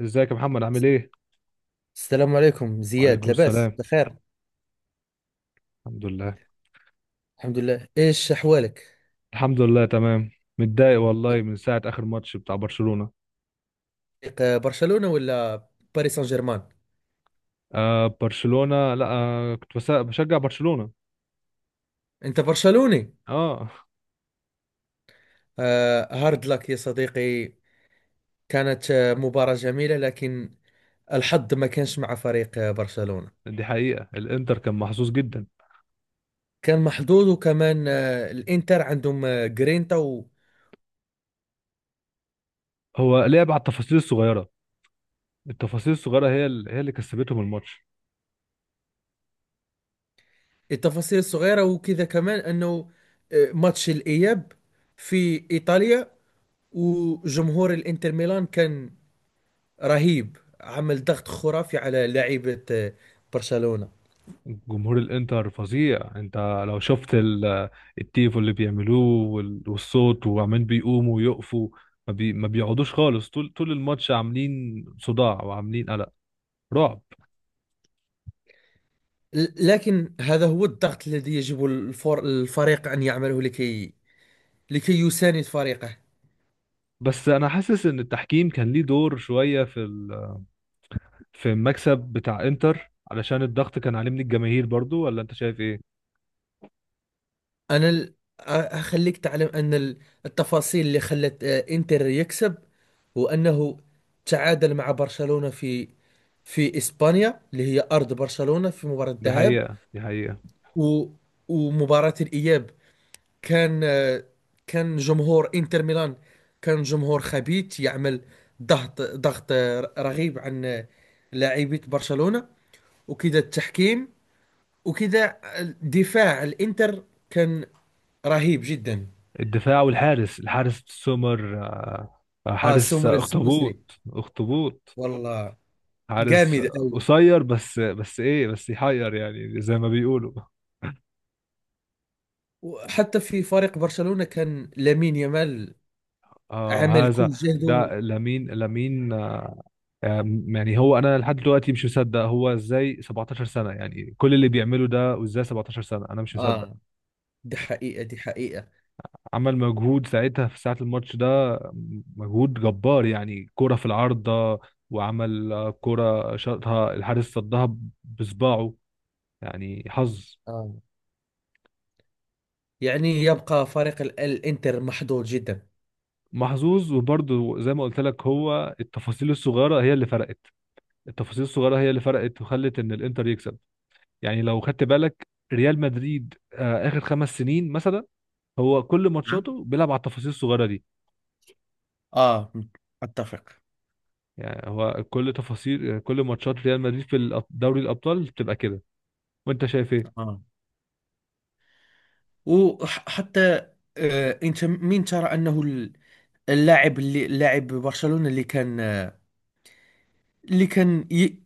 ازيك يا محمد، عامل ايه؟ السلام عليكم زياد، وعليكم لاباس السلام. بخير. الحمد لله. الحمد لله، ايش احوالك؟ الحمد لله، تمام. متضايق والله من ساعة آخر ماتش بتاع برشلونة. فريق برشلونة ولا باريس سان جيرمان؟ آه، برشلونة. لا، كنت بشجع برشلونة. انت برشلوني؟ اه. هارد لك يا صديقي. كانت مباراة جميلة، لكن الحظ ما كانش مع فريق برشلونة. دي حقيقة، الانتر كان محظوظ جدا. كان محظوظ، وكمان الانتر عندهم جرينتا. هو لعب على التفاصيل الصغيرة. التفاصيل الصغيرة هي هي اللي كسبتهم الماتش. والتفاصيل الصغيرة، وكذا كمان انه ماتش الاياب في ايطاليا، وجمهور الانتر ميلان كان رهيب، عمل ضغط خرافي على لاعيبة برشلونة. جمهور الانتر فظيع. انت لو شفت التيفو اللي بيعملوه والصوت، وعمالين بيقوموا ويقفوا، ما بيقعدوش خالص طول طول الماتش، عاملين صداع وعاملين قلق، رعب. لكن هذا هو الضغط الذي يجب الفور الفريق أن يعمله لكي يساند فريقه. بس انا حاسس ان التحكيم كان ليه دور شوية في المكسب بتاع انتر، علشان الضغط كان عليه من الجماهير برضو، ولا انت شايف ايه؟ أنا ال- أخليك تعلم أن التفاصيل اللي خلت إنتر يكسب هو أنه تعادل مع برشلونة في إسبانيا اللي هي أرض برشلونة في مباراة دي الذهاب. حقيقة، دي حقيقة. و- ومباراة الإياب كان كان جمهور انتر ميلان، كان جمهور خبيث يعمل ضغط رغيب عن لاعبية برشلونة، وكذا التحكيم، وكذا دفاع الانتر كان رهيب جدا. الدفاع والحارس، الحارس سومر، اه، حارس سمر السويسري اخطبوط اخطبوط. والله حارس جامد قوي. قصير، بس ايه، بس يحير يعني زي ما بيقولوا. وحتى في فريق برشلونة، كان لامين يامال آه عمل هذا. كل جهده. ده لامين لامين، آه، أم، يعني هو انا لحد دلوقتي مش مصدق هو ازاي 17 سنه، يعني كل اللي بيعمله ده، وازاي 17 سنه انا مش مصدق. اه، دي حقيقة دي حقيقة. عمل مجهود ساعتها في ساعه الماتش ده، مجهود جبار. يعني كره في العارضه، وعمل كره شاطها الحارس صدها بصباعه. يعني حظ. آه. يعني يبقى فريق الانتر محظوظ جدا. محظوظ، وبرضه زي ما قلت لك، هو التفاصيل الصغيره هي اللي فرقت. التفاصيل الصغيره هي اللي فرقت وخلت ان الانتر يكسب. يعني لو خدت بالك، ريال مدريد اخر خمس سنين مثلا، هو كل ماتشاته بيلعب على التفاصيل الصغيره دي. آه، أتفق. يعني هو كل تفاصيل كل ماتشات ريال مدريد في دوري الابطال بتبقى كده. وانت شايف ايه؟ آه وحتى أنت مين ترى أنه اللاعب اللي لاعب برشلونة اللي كان اللي كان ي...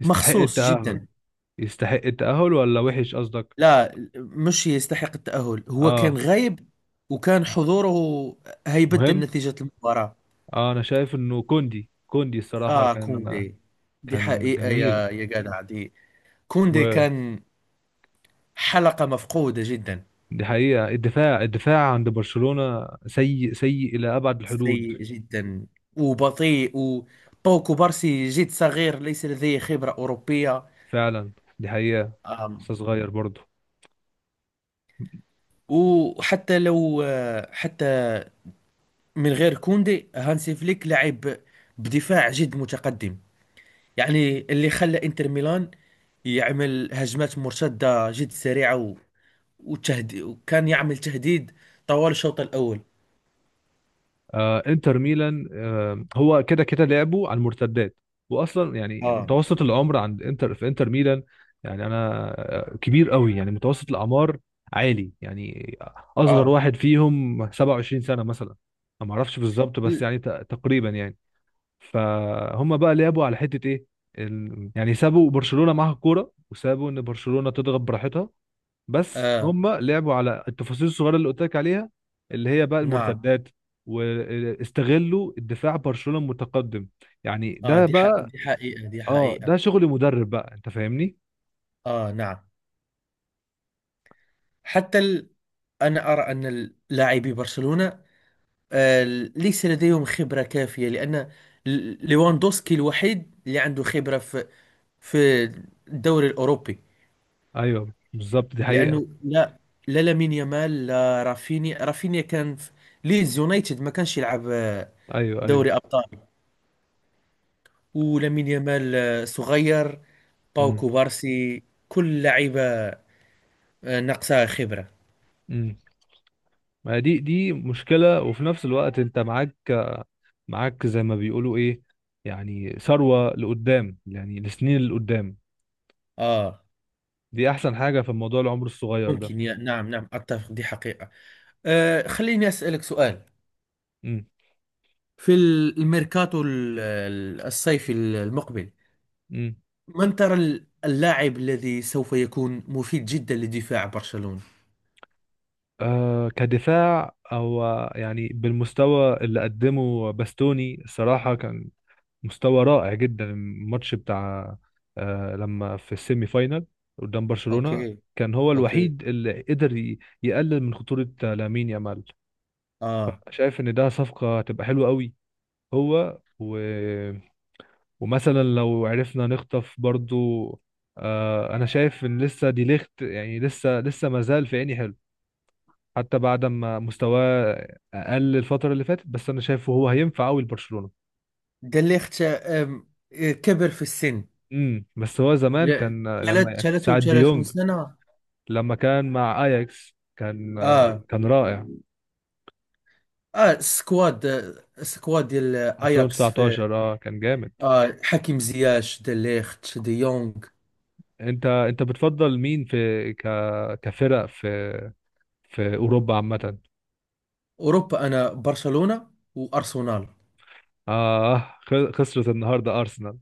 يستحق مخصوص التاهل. جدا؟ يستحق التاهل، ولا وحش قصدك؟ لا، مش يستحق التأهل، هو اه. كان غايب، وكان حضوره هيبدل مهم. نتيجة المباراة. اه، انا شايف انه كوندي، كوندي الصراحه آه، كان كوندي. دي كان حقيقة جميل. يا جدع دي. كوندي ودي كان حلقة مفقودة جدا. حقيقه، الدفاع الدفاع عند برشلونه سيء سيء الى ابعد الحدود. سيء جدا وبطيء، وبوكو بارسي جد صغير ليس لديه خبرة أوروبية. فعلا، دي حقيقه. أم، لسه صغير برضه. وحتى لو حتى من غير كوندي، هانسي فليك لعب بدفاع جد متقدم، يعني اللي خلى انتر ميلان يعمل هجمات مرتدة جد سريعة وكان يعمل تهديد طوال الشوط الأول. انتر ميلان، هو كده كده لعبه على المرتدات. واصلا يعني اه، متوسط العمر عند انتر، في انتر ميلان يعني، انا كبير قوي يعني، متوسط الاعمار عالي يعني. اصغر اه، واحد فيهم 27 سنة مثلا. أنا ما اعرفش بالظبط، بس ل- يعني تقريبا يعني. فهم بقى لعبوا على حتة ايه؟ يعني سابوا برشلونة معاها الكورة، وسابوا ان برشلونة تضغط براحتها. بس اه، هم لعبوا على التفاصيل الصغيره اللي قلت لك عليها، اللي هي بقى نعم، المرتدات. واستغلوا الدفاع برشلونه المتقدم. يعني اه، ده بقى. دي حقيقة دي اه، حقيقة. ده شغل مدرب بقى. انت فاهمني؟ اه، نعم. حتى ال... أنا أرى أن لاعبي برشلونة آه، ليس لديهم خبرة كافية، لأن ليواندوسكي الوحيد اللي عنده خبرة في في الدوري الأوروبي، ايوه بالظبط، دي حقيقه. لأنه لا لامين يامال، لا رافينيا كان في ليدز يونايتد، ما كانش يلعب ايوه، ايوه. دوري أبطال. ولامين يامال صغير، باو امم. كوبارسي، كل لعيبة ناقصها خبرة. امم. ما دي مشكله، وفي نفس الوقت انت معاك، زي ما بيقولوا ايه، يعني ثروه لقدام، يعني لسنين لقدام. آه دي احسن حاجه في الموضوع، العمر الصغير ده. ممكن نعم نعم، أتفق، دي حقيقة. خليني أسألك سؤال. في الميركاتو الصيفي المقبل، امم. من ترى اللاعب الذي سوف يكون مفيد جدا لدفاع برشلونة؟ آه، كدفاع او؟ يعني بالمستوى اللي قدمه باستوني، الصراحة كان مستوى رائع جدا. الماتش بتاع، آه، لما في السيمي فاينال قدام برشلونة، اوكي. كان هو اوكي. الوحيد اللي قدر يقلل من خطورة لامين يامال. اه، فشايف ان ده صفقة هتبقى حلوة قوي. هو ومثلا لو عرفنا نخطف برضو، آه، انا شايف ان لسه دي ليخت، يعني لسه ما زال في عيني حلو، حتى بعد ما مستواه اقل الفتره اللي فاتت. بس انا شايفه هو هينفع قوي لبرشلونه. دليخت كبر في السن، امم. بس هو زمان ل- كان لما ساعة 33 ديونج، سنة. لما كان مع اياكس كان اه، كان رائع. اه، سكواد ديال اياكس في. 2019 اه كان جامد. اه، حكيم زياش، دليخت، دي يونغ. انت بتفضل مين في ك كفرق في اوروبا عامه؟ اوروبا، انا برشلونة وارسنال. اه، خسرت النهارده ارسنال.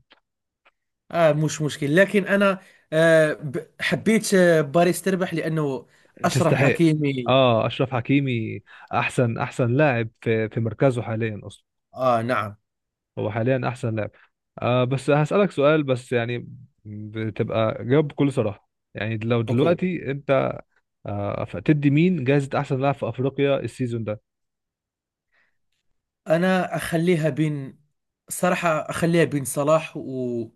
اه، مش مشكل، لكن انا حبيت باريس تربح لانه اشرف تستحق. حكيمي. اه، اشرف حكيمي احسن لاعب في مركزه حاليا اصلا. اه، نعم. هو حاليا احسن لاعب. آه، بس هسألك سؤال، بس يعني بتبقى جاوب بكل صراحة. يعني لو اوكي، دلوقتي انت، آه، تدي مين جائزة احسن لاعب في افريقيا السيزون ده؟ انا اخليها بين، صراحة اخليها بين صلاح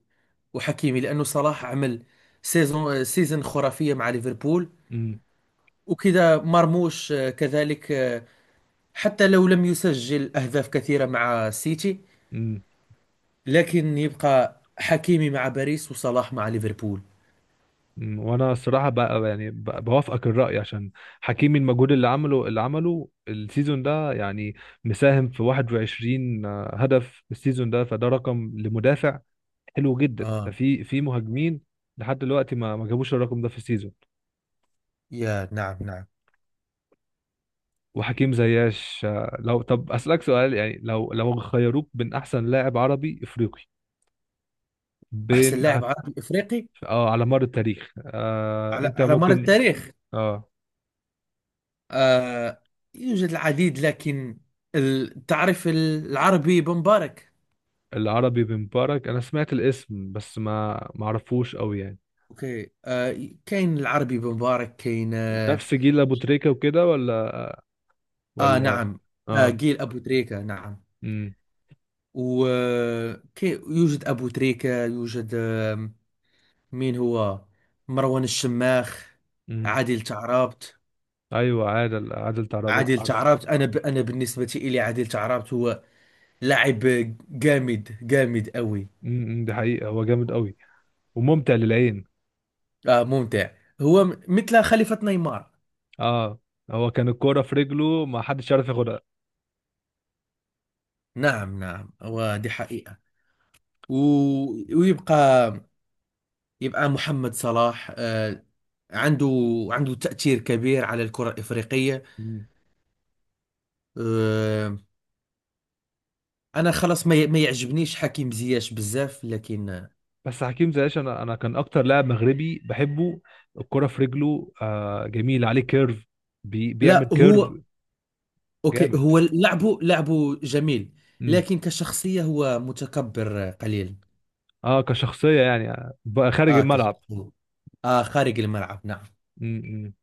وحكيمي، لانه صلاح عمل سيزون خرافية مع ليفربول، امم. وكذا مرموش، آه كذلك، حتى لو لم يسجل اهداف كثيرة مع سيتي، امم. لكن يبقى حكيمي مع باريس وصلاح مع ليفربول. أمم. وانا الصراحة بقى، يعني بوافقك الرأي، عشان حكيمي المجهود اللي عمله السيزون ده يعني مساهم في 21 هدف السيزون ده، فده رقم لمدافع حلو جدا. ده اه، في مهاجمين لحد دلوقتي ما جابوش الرقم ده في السيزون. يا نعم نعم. وحكيم زياش، لو طب اسالك سؤال يعني، لو خيروك بين احسن لاعب عربي افريقي أحسن بين لاعب عربي إفريقي اه، على مر التاريخ. آه، على انت مر ممكن. التاريخ. اه، آه يوجد العديد، لكن تعرف العربي بن مبارك؟ العربي بن مبارك، انا سمعت الاسم، بس ما اعرفوش قوي يعني. أوكي، كاين العربي بن مبارك، كاين نفس جيل ابو تريكة وكده، ولا آه ولا نعم. آه، اه. جيل أبو تريكة، نعم. امم. ويوجد أبو تريكة، يوجد مين هو مروان الشماخ، امم. عادل تعرابت. ايوه، عادل تعربت، عادل عارفه. تعرابت، أنا أنا بالنسبة إلي عادل تعرابت هو لاعب جامد جامد قوي. امم، دي حقيقة، هو جامد قوي وممتع للعين. آه، ممتع. هو مثل خليفة نيمار. اه، هو كان الكرة في رجله ما حدش يعرف ياخدها. نعم نعم، ودي حقيقة. و... ويبقى محمد صلاح عنده تأثير كبير على الكرة الإفريقية. آه. أنا خلاص ما يعجبنيش حكيم زياش بزاف، لكن بس حكيم زياش انا كان اكتر لاعب مغربي بحبه. الكرة في رجله، آه جميل، عليه كيرف، بيعمل لا. كيرف، هو، أوكي، جامد. هو لعبه جميل، امم. لكن كشخصية هو متكبر قليل. اه كشخصية يعني، بقى خارج آه، الملعب. كشخصية، آه، خارج الملعب، نعم. امم.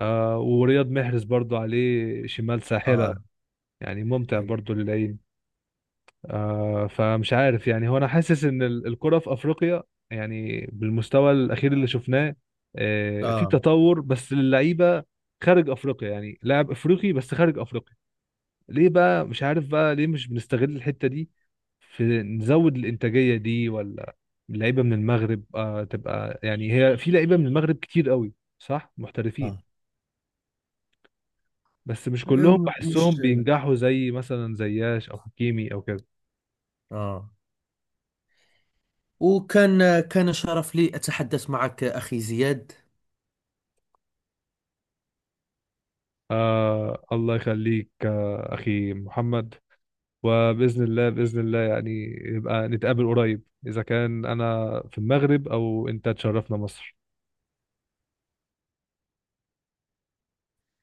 آه، ورياض محرز برضو عليه شمال ساحرة، آه. يعني ممتع آه, برضو للعين. آه، فمش عارف يعني هو، انا حاسس ان الكرة في افريقيا، يعني بالمستوى الاخير اللي شفناه، آه في آه. تطور، بس للعيبة خارج افريقيا. يعني لاعب افريقي، بس خارج افريقيا، ليه بقى؟ مش عارف بقى ليه مش بنستغل الحتة دي في نزود الإنتاجية دي، ولا؟ لعيبة من المغرب تبقى يعني، هي في لعيبة من المغرب كتير قوي صح، محترفين. بس مش كلهم آه. بحسهم مش بينجحوا زي مثلا زياش أو حكيمي أو كده. اه. وكان، كان شرف لي أتحدث معك أخي زياد. آه، الله يخليك، آه أخي محمد. وبإذن الله، بإذن الله يعني يبقى نتقابل قريب، إذا كان أنا في المغرب أو أنت تشرفنا مصر.